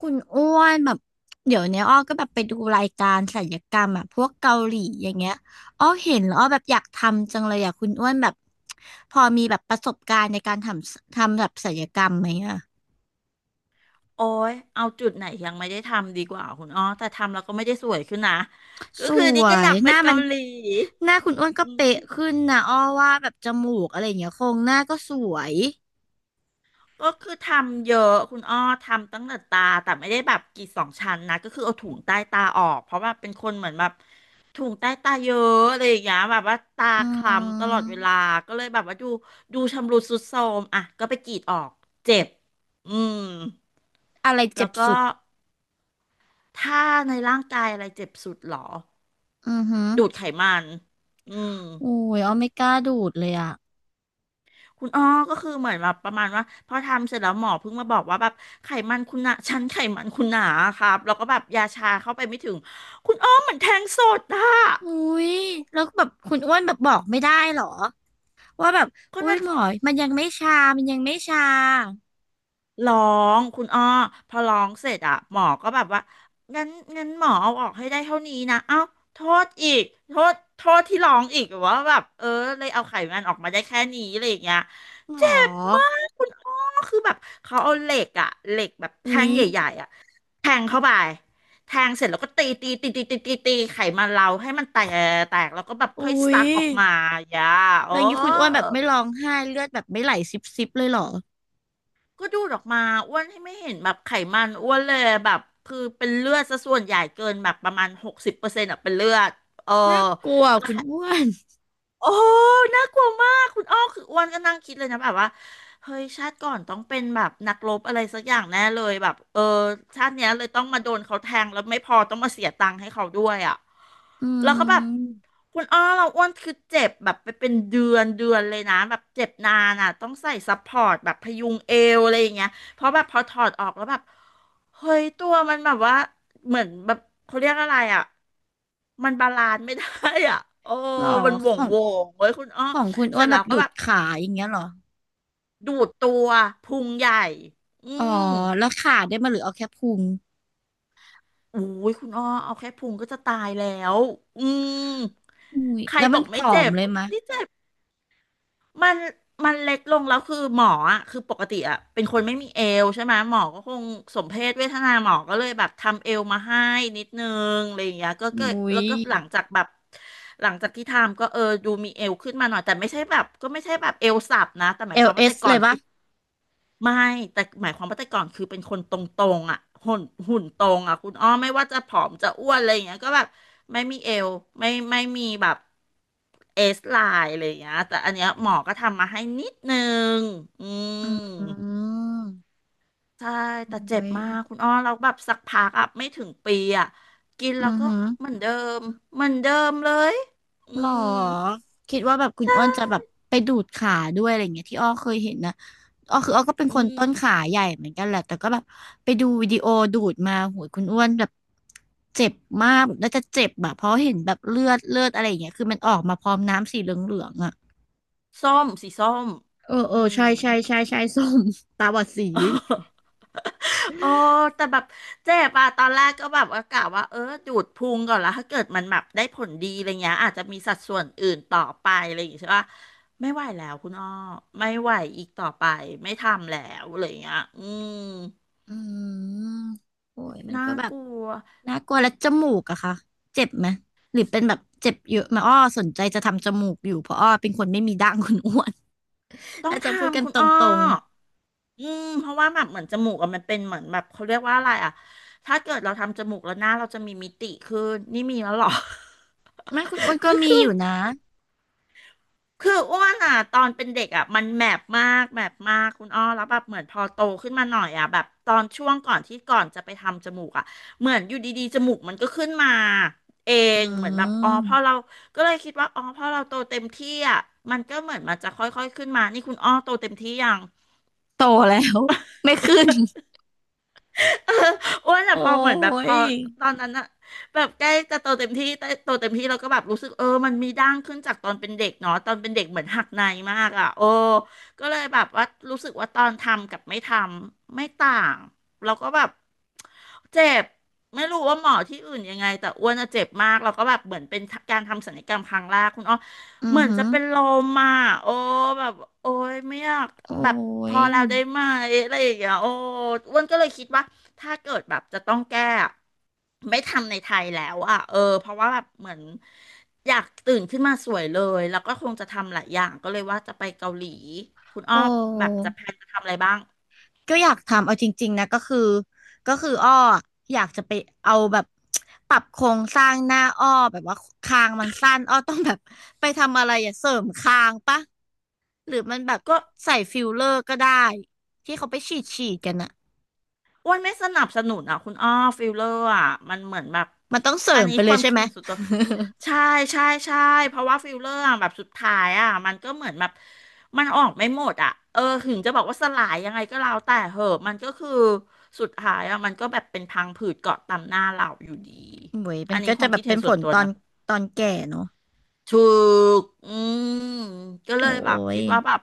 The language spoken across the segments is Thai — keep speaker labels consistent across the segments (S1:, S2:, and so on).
S1: คุณอ้วนแบบเดี๋ยวเนี้ยอ้อก็แบบไปดูรายการศัลยกรรมอ่ะพวกเกาหลีอย่างเงี้ยอ้อเห็นแล้วอ้อแบบอยากทำจังเลยอ่ะคุณอ้วนแบบพอมีแบบประสบการณ์ในการทำแบบศัลยกรรมไหมอ่ะ
S2: โอ้ยเอาจุดไหนยังไม่ได้ทำดีกว่าคุณอ้อแต่ทำแล้วก็ไม่ได้สวยขึ้นนะก็
S1: ส
S2: คือนี่
S1: ว
S2: ก็อ
S1: ย
S2: ยากไป
S1: หน้ามั
S2: เกา
S1: น
S2: หลี
S1: หน้าคุณอ้วนก็
S2: อื
S1: เป๊ะ
S2: ม
S1: ขึ้นนะอ้อว่าแบบจมูกอะไรอย่างเงี้ยโครงหน้าก็สวย
S2: ก็คือทำเยอะคุณอ้อทำตั้งแต่ตา แต่ไม่ได้แบบกรีดสองชั้นนะก็คือเอาถุงใต้ตาออกเพราะว่าเป็นคนเหมือนแบบถุงใต้ตาเยอะอะไรอย่างเงี้ยแบบว่าตา
S1: อื
S2: คล้ำตลอดเว
S1: ม
S2: ลาก็เลยแบบว่าดูชำรุดทรุดโทรมอ่ะก็ไปกรีดออกเจ็บ อืม
S1: อะไร
S2: แล้
S1: เจ็
S2: ว
S1: บ
S2: ก็
S1: สุด
S2: ถ้าในร่างกายอะไรเจ็บสุดหรอ
S1: อือหือ
S2: ดูดไขมัน อืม
S1: โอุ้ยอ้อไม่กล้าดูดเลยอ่ะ
S2: คุณอ้อก็คือเหมือนแบบประมาณว่าพอทำเสร็จแล้วหมอเพิ่งมาบอกว่าแบบไขมันคุณหนาชั้นไขมันคุณหนาครับแล้วก็แบบยาชาเข้าไปไม่ถึง คุณอ้อเหมือนแทงสดอะ
S1: อุ้ยแล้วแบบคุณอ้วนแบบบอกไม่ได้เหรอ ว่าแบบ
S2: ก็
S1: อุ้ย
S2: น่า
S1: หมอมันยังไม่ชา มันยังไม่ชา
S2: ร้องคุณอ้อพอร้องเสร็จอะหมอก็แบบว่างั้นงั้นหมอเอาออกให้ได้เท่านี้นะเอ้าโทษอีกโทษที่ร้องอีกว่าแบบเออเลยเอาไขมันออกมาได้แค่นี้อะไรอย่างเงี้ย
S1: หม
S2: เจ็บมา
S1: อ
S2: กคุณอ้อคือแบบเขาเอาเหล็กอะเหล็กแบบ
S1: อุ้
S2: แท่
S1: ย
S2: งใหญ่ๆอะแทงเข้าไปแทงเสร็จแล้วก็ตีตีตีตีตีตีตีไขมันเราให้มันแตกแตกแล้วก็แบบ
S1: อุ้
S2: ค่อย
S1: ย
S2: ซักออกมาอย่าโอ้
S1: แล้วอย่างนี้คุณอ้วนแบบไม่ร้องไห้เลือดแบบไม่ไหลซิบซิบเลยเหรอ
S2: ก็ดูดออกมาอ้วนให้ไม่เห็นแบบไขมันอ้วนเลยแบบคือเป็นเลือดซะส่วนใหญ่เกินแบบประมาณ60%อะเป็นเลือดเออ
S1: น่ากลัวคุณอ้วน
S2: โอ้น่ากลัวมากคุณอ้อคืออ้วนก็นั่งคิดเลยนะแบบว่าเฮ้ยชาติก่อนต้องเป็นแบบนักรบอะไรสักอย่างแน่เลยแบบเออชาติเนี้ยเลยต้องมาโดนเขาแทงแล้วไม่พอต้องมาเสียตังค์ให้เขาด้วยอ่ะ
S1: อื
S2: แล้วก็แบบ
S1: ม
S2: คุณอ้อเราอ้วนคือเจ็บแบบไปเป็นเดือนเดือนเลยนะแบบเจ็บนานอ่ะต้องใส่ซัพพอร์ตแบบพยุงเอวอะไรอย่างเงี้ย เพราะแบบพอถอดออกแล้วแบบเฮ้ยตัวมันแบบว่าเหมือนแบบเขาเรียกอะไรอ่ะมันบาลานซ์ไม่ได้อ่ะ โอ้
S1: เหรอ
S2: มันโห
S1: ข
S2: ว่ง
S1: อง
S2: โหว่งเว้ยคุณอ้อ
S1: ของคุณ
S2: เส
S1: อ้ว
S2: ร็จ
S1: นแบ
S2: แล้
S1: บ
S2: วก็
S1: ดู
S2: แบ
S1: ด
S2: บ
S1: ขาอย่างเงี้ยเหรอ
S2: ดูดตัวพุงใหญ่อื
S1: อ๋อ
S2: ม
S1: แล้วขาได้มาหรือเอาแค่พุง
S2: อุ้ยคุณอ้อเอาแค่พุงก็จะตายแล้วอืม
S1: อุ้ย
S2: ใคร
S1: แล้ว
S2: บ
S1: มั
S2: อ
S1: น
S2: ก
S1: ผ
S2: ไม่
S1: อม
S2: เจ็บ
S1: เลยมะ
S2: นี่เจ็บ มันมันเล็กลงแล้วคือหมออ่ะคือปกติอ่ะเป็นคนไม่มีเอวใช่ไหมหมอก็คงสมเพศเวทนาหมอก็เลยแบบทำเอวมาให้นิดนึงอะไรอย่างเงี้ยก็
S1: อุ้
S2: แล้
S1: ย
S2: วก็หลังจากแบบหลังจากที่ทำก็เออดูมีเอวขึ้นมาหน่อยแต่ไม่ใช่แบบก็ไม่ใช่แบบเอวสับนะแต่หมา
S1: เอ
S2: ยค
S1: ล
S2: วาม
S1: เอ
S2: ว่า
S1: ส
S2: แต่ก่อ
S1: เล
S2: น
S1: ยปะ
S2: คือ ไม่แต่หมายความว่าแต่ก่อนคือเป็นคนตรงๆอ่ะหุ่นหุ่นตรงอ่ะคุณอ้อไม่ว่าจะผอมจะอ้วนอะไรอย่างเงี้ยก็แบบไม่มีเอวไม่มีแบบเอสไลน์อะไรอย่างเงี้ยแต่อันเนี้ยหมอก็ทำมาให้นิดนึงอื
S1: อื
S2: ม
S1: ม
S2: ใช่
S1: อ
S2: แต่เจ็บ
S1: ุ้ย
S2: มากคุณอ้อเราแล้วแบบสักพักอ่ะไม่ถึงปีอ่ะกิน
S1: อื
S2: แล้ว
S1: อ
S2: ก็
S1: หือ
S2: เหมือนเดิมเหมือนเดิมเลยอื
S1: หรอ
S2: ม
S1: คิดว่าแบบคุณอ้วนจะแบบไปดูดขาด้วยอะไรเงี้ยที่อ้อเคยเห็นนะอ้อคืออ้อก็เป็น
S2: อื
S1: คน
S2: ม
S1: ต้นขาใหญ่เหมือนกันแหละแต่ก็แบบไปดูวิดีโอดูดมาโหยคุณอ้วนแบบเจ็บมากแบบน่าจะเจ็บแบบเพราะเห็นแบบเลือดอะไรอย่างเงี้ยคือมันออกมาพร้อมน้ำสีเหลืองๆอ่ะ
S2: ส้มสีส้ม
S1: เออ
S2: อื
S1: เออ
S2: ม
S1: ใช่ใช่ใช่ใช่ ส้ม ตาบอดสี
S2: โอ้ แต่แบบเจ็บอะตอนแรกก็แบบว่ากะว่าเออดูดพุงก่อนแล้วถ้าเกิดมันแบบได้ผลดีอะไรเงี้ยอาจจะมีสัดส่วนอื่นต่อไปอะไรอย่างเงี้ยใช่ปะไม่ไหวแล้วคุณอ้อไม่ไหวอีกต่อไปไม่ทำแล้วอะไรเงี้ยอืม
S1: อืมโอ้ยมัน
S2: น่า
S1: ก็แบ
S2: ก
S1: บ
S2: ลัว
S1: น่ากลัวแล้วจมูกอะคะเจ็บไหมหรือเป็นแบบเจ็บเยอะไหมาอ้อสนใจจะทำจมูกอยู่เพราะอ้อเป็นคนไม่มีดั้งคุณอ้วน
S2: ต้อ
S1: อา
S2: ง
S1: จจะ
S2: ท
S1: พูดกั
S2: ำ
S1: น
S2: คุ
S1: ต
S2: ณอ้อ
S1: รง
S2: อืมเพราะว่าแบบเหมือนจมูกอะมันเป็นเหมือนแบบเขาเรียกว่าอะไรอะถ้าเกิดเราทำจมูกแล้วหน้าเราจะมีมิติขึ้นนี่มีแล้วเหรอ
S1: ๆไม่คุณอ้วน ก็
S2: ก็
S1: มี
S2: คื
S1: อ
S2: อ
S1: ยู่นะ
S2: คืออ้วนอ่ะตอนเป็นเด็กอ่ะมันแมบมากแมบมากคุณอ้อแล้วแบบเหมือนพอโตขึ้นมาหน่อยอ่ะแบบตอนช่วงก่อนที่ก่อนจะไปทำจมูกอ่ะเหมือนอยู่ดีๆจมูกมันก็ขึ้นมาเอ
S1: อื
S2: งเหมือนแบบอ๋อพอ
S1: ม
S2: เราก็เลยคิดว่าอ๋อพอเราโตเต็มที่อ่ะมันก็เหมือนมันจะค่อยๆขึ้นมานี่คุณอ้อโตเต็มที่ยัง
S1: โตแล้วไม่ขึ้น
S2: เอออ้วนอะ
S1: โอ้
S2: พอเหมือนแบบพ
S1: ย
S2: อตอนนั้นอะแบบใกล้จะโตเต็มที่แต่โตเต็มที่เราก็แบบรู้สึกเออมันมีด่างขึ้นจากตอนเป็นเด็กเนาะตอนเป็นเด็กเหมือนหักในมากอะโอ้ก็เลยแบบว่ารู้สึกว่าตอนทำกับไม่ทำไม่ต่างเราก็แบบเจ็บไม่รู้ว่าหมอที่อื่นยังไงแต่อ้วนอะเจ็บมากเราก็แบบเหมือนเป็นการทำศัลยกรรมครั้งแรกคุณอ้อ
S1: อื
S2: เห
S1: อ
S2: มือน
S1: หื
S2: จะ
S1: อ
S2: เป็นลมอ่ะโอ้แบบโอ้ยไม่อยาก
S1: โอ้
S2: แบบพ
S1: ย
S2: อแล้วได้ไหมอะไรอย่างเงี้ยโอ้อ้วนก็เลยคิดว่า ถ้าเกิดแบบจะต้องแก้อะไม่ทำในไทยแล้วอ่ะเออเพราะว่าแบบเหมือนอยากตื่นขึ้นมาสวยเลยแล้วก็คงจะทำหลายอย่างก็เลยว่าจะไปเกาหลีคุณ
S1: โอ
S2: อ้อแบบ
S1: ้
S2: จะแพลนจะทำอะไรบ้าง
S1: ก็อยากทำเอาจริงๆนะก็คืออ้ออยากจะไปเอาแบบปรับโครงสร้างหน้าอ้อแบบว่าคางมันสั้นอ้อต้องแบบไปทำอะไรอย่าเสริมคางปะหรือมันแบบ
S2: ก็
S1: ใส่ฟิลเลอร์ก็ได้ที่เขาไปฉีดกันอะ
S2: อ้วนไม่สนับสนุนอ่ะคุณอ้อฟิลเลอร์อ่ะมันเหมือนแบบ
S1: มันต้องเสริ
S2: อัน
S1: ม
S2: นี้
S1: ไป
S2: ค
S1: เลย
S2: วาม
S1: ใช่
S2: คิด
S1: ไหม
S2: ส่วนตัว ใช่ใช่ใช่เพราะว่าฟิลเลอร์อะแบบสุดท้ายอ่ะมันก็เหมือนแบบมันออกไม่หมดอ่ะเออถึงจะบอกว่าสลายยังไงก็แล้วแต่เหอะมันก็คือสุดท้ายอ่ะมันก็แบบเป็นพังผืดเกาะตามหน้าเราอยู่ดี
S1: โอ้ยมั
S2: อั
S1: น
S2: นนี้
S1: ก็
S2: ค
S1: จะ
S2: วาม
S1: แบ
S2: คิ
S1: บ
S2: ดเห็
S1: เป็
S2: น
S1: นผ
S2: ส่วน
S1: ล
S2: ตัว
S1: ตอน
S2: นะ
S1: ตอนแก่เนาะ
S2: ถูกอืมก็เล
S1: โอ้
S2: ยแบบ
S1: ย
S2: คิดว่าแบบ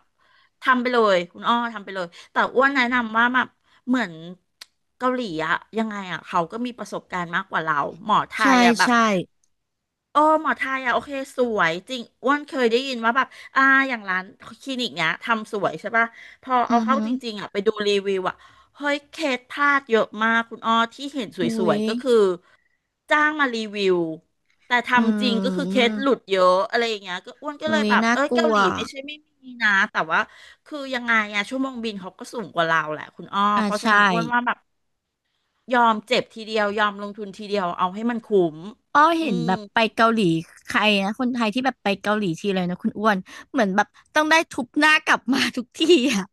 S2: ทำไปเลยคุณอ้อทำไปเลยแต่อ้วนแนะนำว่าแบบเหมือนเกาหลีอะยังไงอะเขาก็มีประสบการณ์มากกว่าเราหมอไท
S1: ใช่
S2: ยอะแบบ
S1: ใช่
S2: โอ้หมอไทยอ่ะโอเคสวยจริงอ้วนเคยได้ยินว่าแบบอ่าอย่างร้านคลินิกเนี้ยทำสวยใช่ป่ะพอ
S1: อื
S2: เอา
S1: อ
S2: เข้า
S1: ฮึ
S2: จริงๆอ่ะไปดูรีวิวอ่ะเฮ้ยเคสพลาดเยอะมากคุณอ้อที่เห็นส
S1: อุ้
S2: ว
S1: ย
S2: ยๆก็คือจ้างมารีวิวแต่
S1: อื
S2: ทำจริงก็คือเคส
S1: ม
S2: หลุดเยอะอะไรอย่างเงี้ยก็อ้วนก็เลย
S1: อุ้ย
S2: แบบ
S1: น่า
S2: เอ้ย
S1: กลั
S2: เกา
S1: ว
S2: หลีไม่ใช่ไม่มีนะแต่ว่าคือยังไงอ่ะชั่วโมงบินเขาก็สูงกว่าเราแหละคุณอ้อ
S1: อ่า
S2: เพราะฉะ
S1: ใช่
S2: นั้นอ้วนว่าแบบยอมเจ็บทีเดียวยอมลงทุนทีเดียวเอาให้มันคุ้ม
S1: อ้อ
S2: อื
S1: เห็น
S2: ม
S1: แบบไปเกาหลีใครนะคนไทยที่แบบไปเกาหลีทีเลยนะคุณอ้วนเหมือนแบบต้องได้ทุบหน้ากลับมา ทุกทีอ่ะ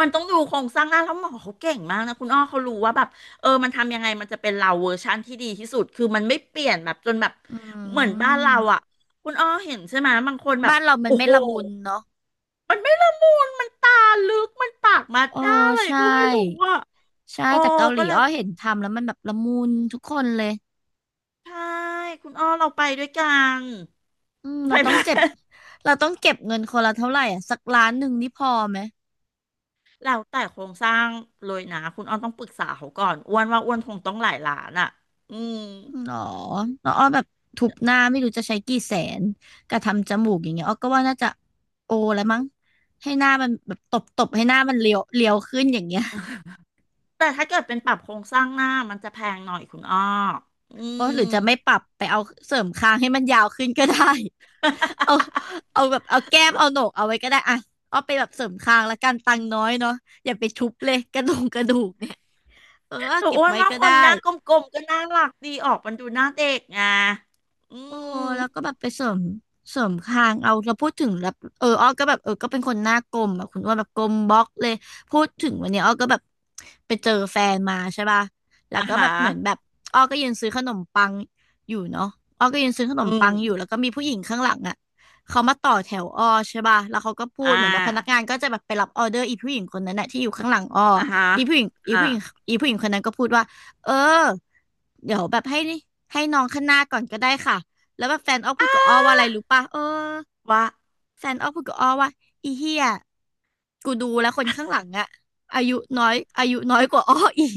S2: มันต้องดูโครงสร้างหน้าแล้วหมอเขาเก่งมากนะคุณอ้อเขารู้ว่าแบบเออมันทำยังไงมันจะเป็นเราเวอร์ชันที่ดีที่สุดคือมันไม่เปลี่ยนแบบจนแบบ
S1: อื
S2: เหมือนบ้านเราอ่ะ
S1: ม
S2: คุณอ้อเห็นใช่ไหมบางคนแบบ
S1: บ้านเรามัน
S2: โอ้
S1: ไม่
S2: โห
S1: ละมุนเนาะ
S2: มันไม่ละมุนมันตาลึกมันปากมา
S1: เออ
S2: ด้าอะไร
S1: ใช่
S2: ก็ไม่รู้อ่ะ
S1: ใช่
S2: โอ้
S1: แต่เกาหลี
S2: ก็เลย
S1: อ้อเห็นทำแล้วมันแบบละมุนทุกคนเลย
S2: ใช่คุณอ้อเราไปด้วยกัน
S1: อืม
S2: ไป
S1: เราต้
S2: ไหม
S1: องเจ็บ เราต้องเก็บเงินคนละเท่าไหร่อ่ะสักล้านหนึ่งนี่พอไหม
S2: แล้วแต่โครงสร้างเลยนะคุณอ้อนต้องปรึกษาเขาก่อนอ้วนว่าอ้วนคงต้องหลายล้านอ่ะอืม
S1: หรอน้องอ้อแบบทุบหน้าไม่รู้จะใช้กี่แสนกระทำจมูกอย่างเงี้ยอ้อก็ว่าน่าจะโอแล้วมั้งให้หน้ามันแบบตบให้หน้ามันเลียวขึ้นอย่างเงี้ย
S2: แต่ถ้าเกิดเป็นปรับโครงสร้างหน้ามันจะแพงหน่อยคุณอ้ออื
S1: โอ้
S2: ม
S1: หรือจะไม่ปรับไปเอาเสริมคางให้มันยาวขึ้นก็ได้ เอาเอาแบบเอาแก้มเอาโหนกเอาไว้ก็ได้อ่ะอ้อไปแบบเสริมคางละกันตังค์น้อยเนาะอย่าไปทุบเลยกระดูกเนี่ยเออ
S2: แต่
S1: เก็บ
S2: อ้วน
S1: ไว้
S2: ว่า
S1: ก็
S2: ค
S1: ได้
S2: นหน้ากลมๆก็น่ารักดีออกมันดูหน้าเด็กไงอื
S1: โอ้
S2: ม
S1: แล้วก็แบบไปเสริมคางเอาเราพูดถึงแล้วเอออ้อก็แบบเออก็เป็นคนหน้ากลมแบบคุณอ้วาแบบกลมบล็อกเลยพูดถึงวันนี้อ้อก็แบบไปเจอแฟนมาใช่ป่ะแล้ว
S2: อ่า
S1: ก็แบ
S2: ฮะ
S1: บเหมือนแบบอ้อก็ยืนซื้อขนมปังอยู่เนาะอ้อก็ยืนซื้อขน
S2: อื
S1: มปั
S2: ม
S1: งอยู่แล้วก็มีผู้หญิงข้างหลังอ่ะเขามาต่อแถวอ้อใช่ป่ะแล้วเขาก็พู
S2: อ่
S1: ดเหมือนแบบพนักงา
S2: า
S1: นก็จะแบบไปรับออเดอร์อีผู้หญิงคนนั้นน่ะที่อยู่ข้างหลังอ้อ
S2: อ่าฮะ
S1: อีผู้หญิงอี
S2: อ่า
S1: ผู้หญิงอีผู้หญิงคนนั้นก็พูดว่าเออเดี๋ยวแบบให้นี่ให้น้องข้างหน้าก่อนก็ได้ค่ะ แล้วแบบแฟนอ้อพูดกับอ้อว่าอะไรรู้ป่ะเออ
S2: ว่า
S1: แฟนอ้อพูดกับอ้อว่าอีเหี้ยกูดูแล้วคนข้างหลังอะอายุอายุน้อยกว่าอ้ออีก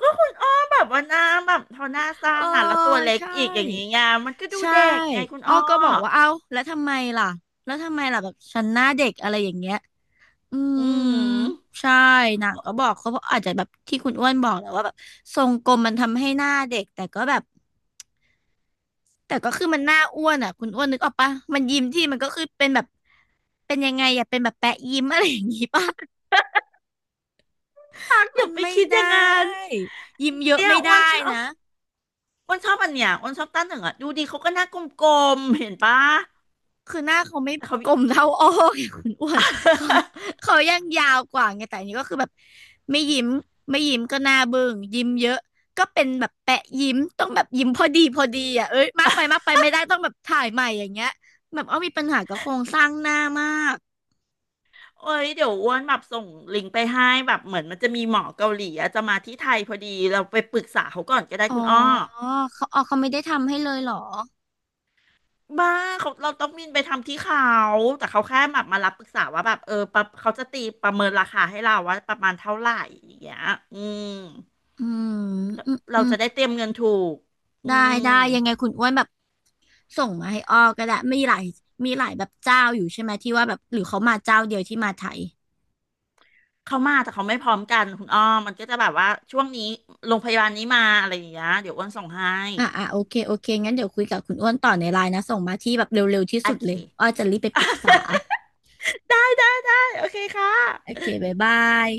S2: ก็คุณอ้อแบบว่าหน้าแบบเท่าหน้าสั้
S1: เออ
S2: นอ่ะแล้วตัวเล็ก
S1: ใช่
S2: อีกอย่างนี้ไงมันก็ดู
S1: ใช่
S2: เด็กไงคุณ
S1: อ้อ
S2: อ้อ
S1: ก็บอกว่าเอ้าแล้วทำไมล่ะแล้วทำไมล่ะแบบฉันหน้าเด็กอะไรอย่างเงี้ยอืม
S2: อืม
S1: ใช่นางก็บอกเขาเพราะอาจจะแบบที่คุณอ้วนบอกแหละว่าแบบทรงกลมมันทำให้หน้าเด็กแต่ก็แบบ แต่ก็คือมันหน้าอ้วนอ่ะคุณอ้วนนึกออกปะมันยิ้มที่มันก็คือเป็นแบบเป็นยังไงอ่ะเป็นแบบแปะยิ้มอะไรอย่างงี้ปะ
S2: รัก อ
S1: มัน
S2: ย่าไป
S1: ไม่
S2: คิดอย่าง
S1: ได้
S2: นั้น
S1: ยิ้มเยอะ
S2: เนี่ย
S1: ไม่
S2: อ้วน
S1: ได้
S2: ชอบ
S1: นะ
S2: อ้วนชอบอันเนี้ยอ้วนชอบต้าเหนึ่งอ่ะดูดีเขาก็หน้ากลมๆเห็นปะ
S1: คือหน้าเขาไม่
S2: แต่เขา
S1: กลมเท่าอ้อไง คุณอ้วนเขา เขายังยาวกว่าไงแต่อันนี้ก็คือแบบไม่ยิ้มไม่ยิ้มก็หน้าเบึ้งยิ้มเยอะก็เป็นแบบแปะยิ้มต้องแบบยิ้มพอดีพอดีอ่ะเอ้ยมากไปไม่ได้ต้องแบบถ่ายใหม่อย่างเงี้ยแบบอ้อมีปัญหากับโครงสร้างหน้ามาก
S2: โอ้ยเดี๋ยวอ้วนแบบส่งลิงก์ไปให้แบบเหมือนมันจะมีหมอเกาหลีอะจะมาที่ไทยพอดีเราไปปรึกษาเขาก่อนก็ได้
S1: อ๋อ
S2: คุณอ้อ
S1: เขาอ๋อเขาไม่ได้ทำให้เลยเหรอ
S2: บ้าเขาเราต้องบินไปทำที่เขาแต่เขาแค่แบบมารับปรึกษาว่าแบบเออปะเขาจะตีประเมินราคาให้เราว่าประมาณเท่าไหร่อย่างเงี้ยอืม
S1: อืมอืมอื
S2: เรา
S1: ม
S2: จะได้เตรียมเงินถูกอื
S1: ได้ได้
S2: ม
S1: ยังไงคุณอ้วนแบบส่งมาให้อ้อก็ได้มีหลายแบบเจ้าอยู่ใช่ไหมที่ว่าแบบหรือเขามาเจ้าเดียวที่มาไทย
S2: เขามาแต่เขาไม่พร้อมกันคุณอ้อมมันก็จะแบบว่าช่วงนี้โรงพยาบาลนี้มาอะไรอย่างเงี้ยเดี๋ยวอ้วนส่งให้
S1: อ่ะโอเคงั้นเดี๋ยวคุยกับคุณอ้วนต่อในไลน์นะส่งมาที่แบบเร็วๆที่
S2: โอ
S1: สุด
S2: เค
S1: เลยอ้อจะรีบไปปรึกษา
S2: ได้ได้ได้โอเคค่ะ
S1: โอเคบ๊ายบาย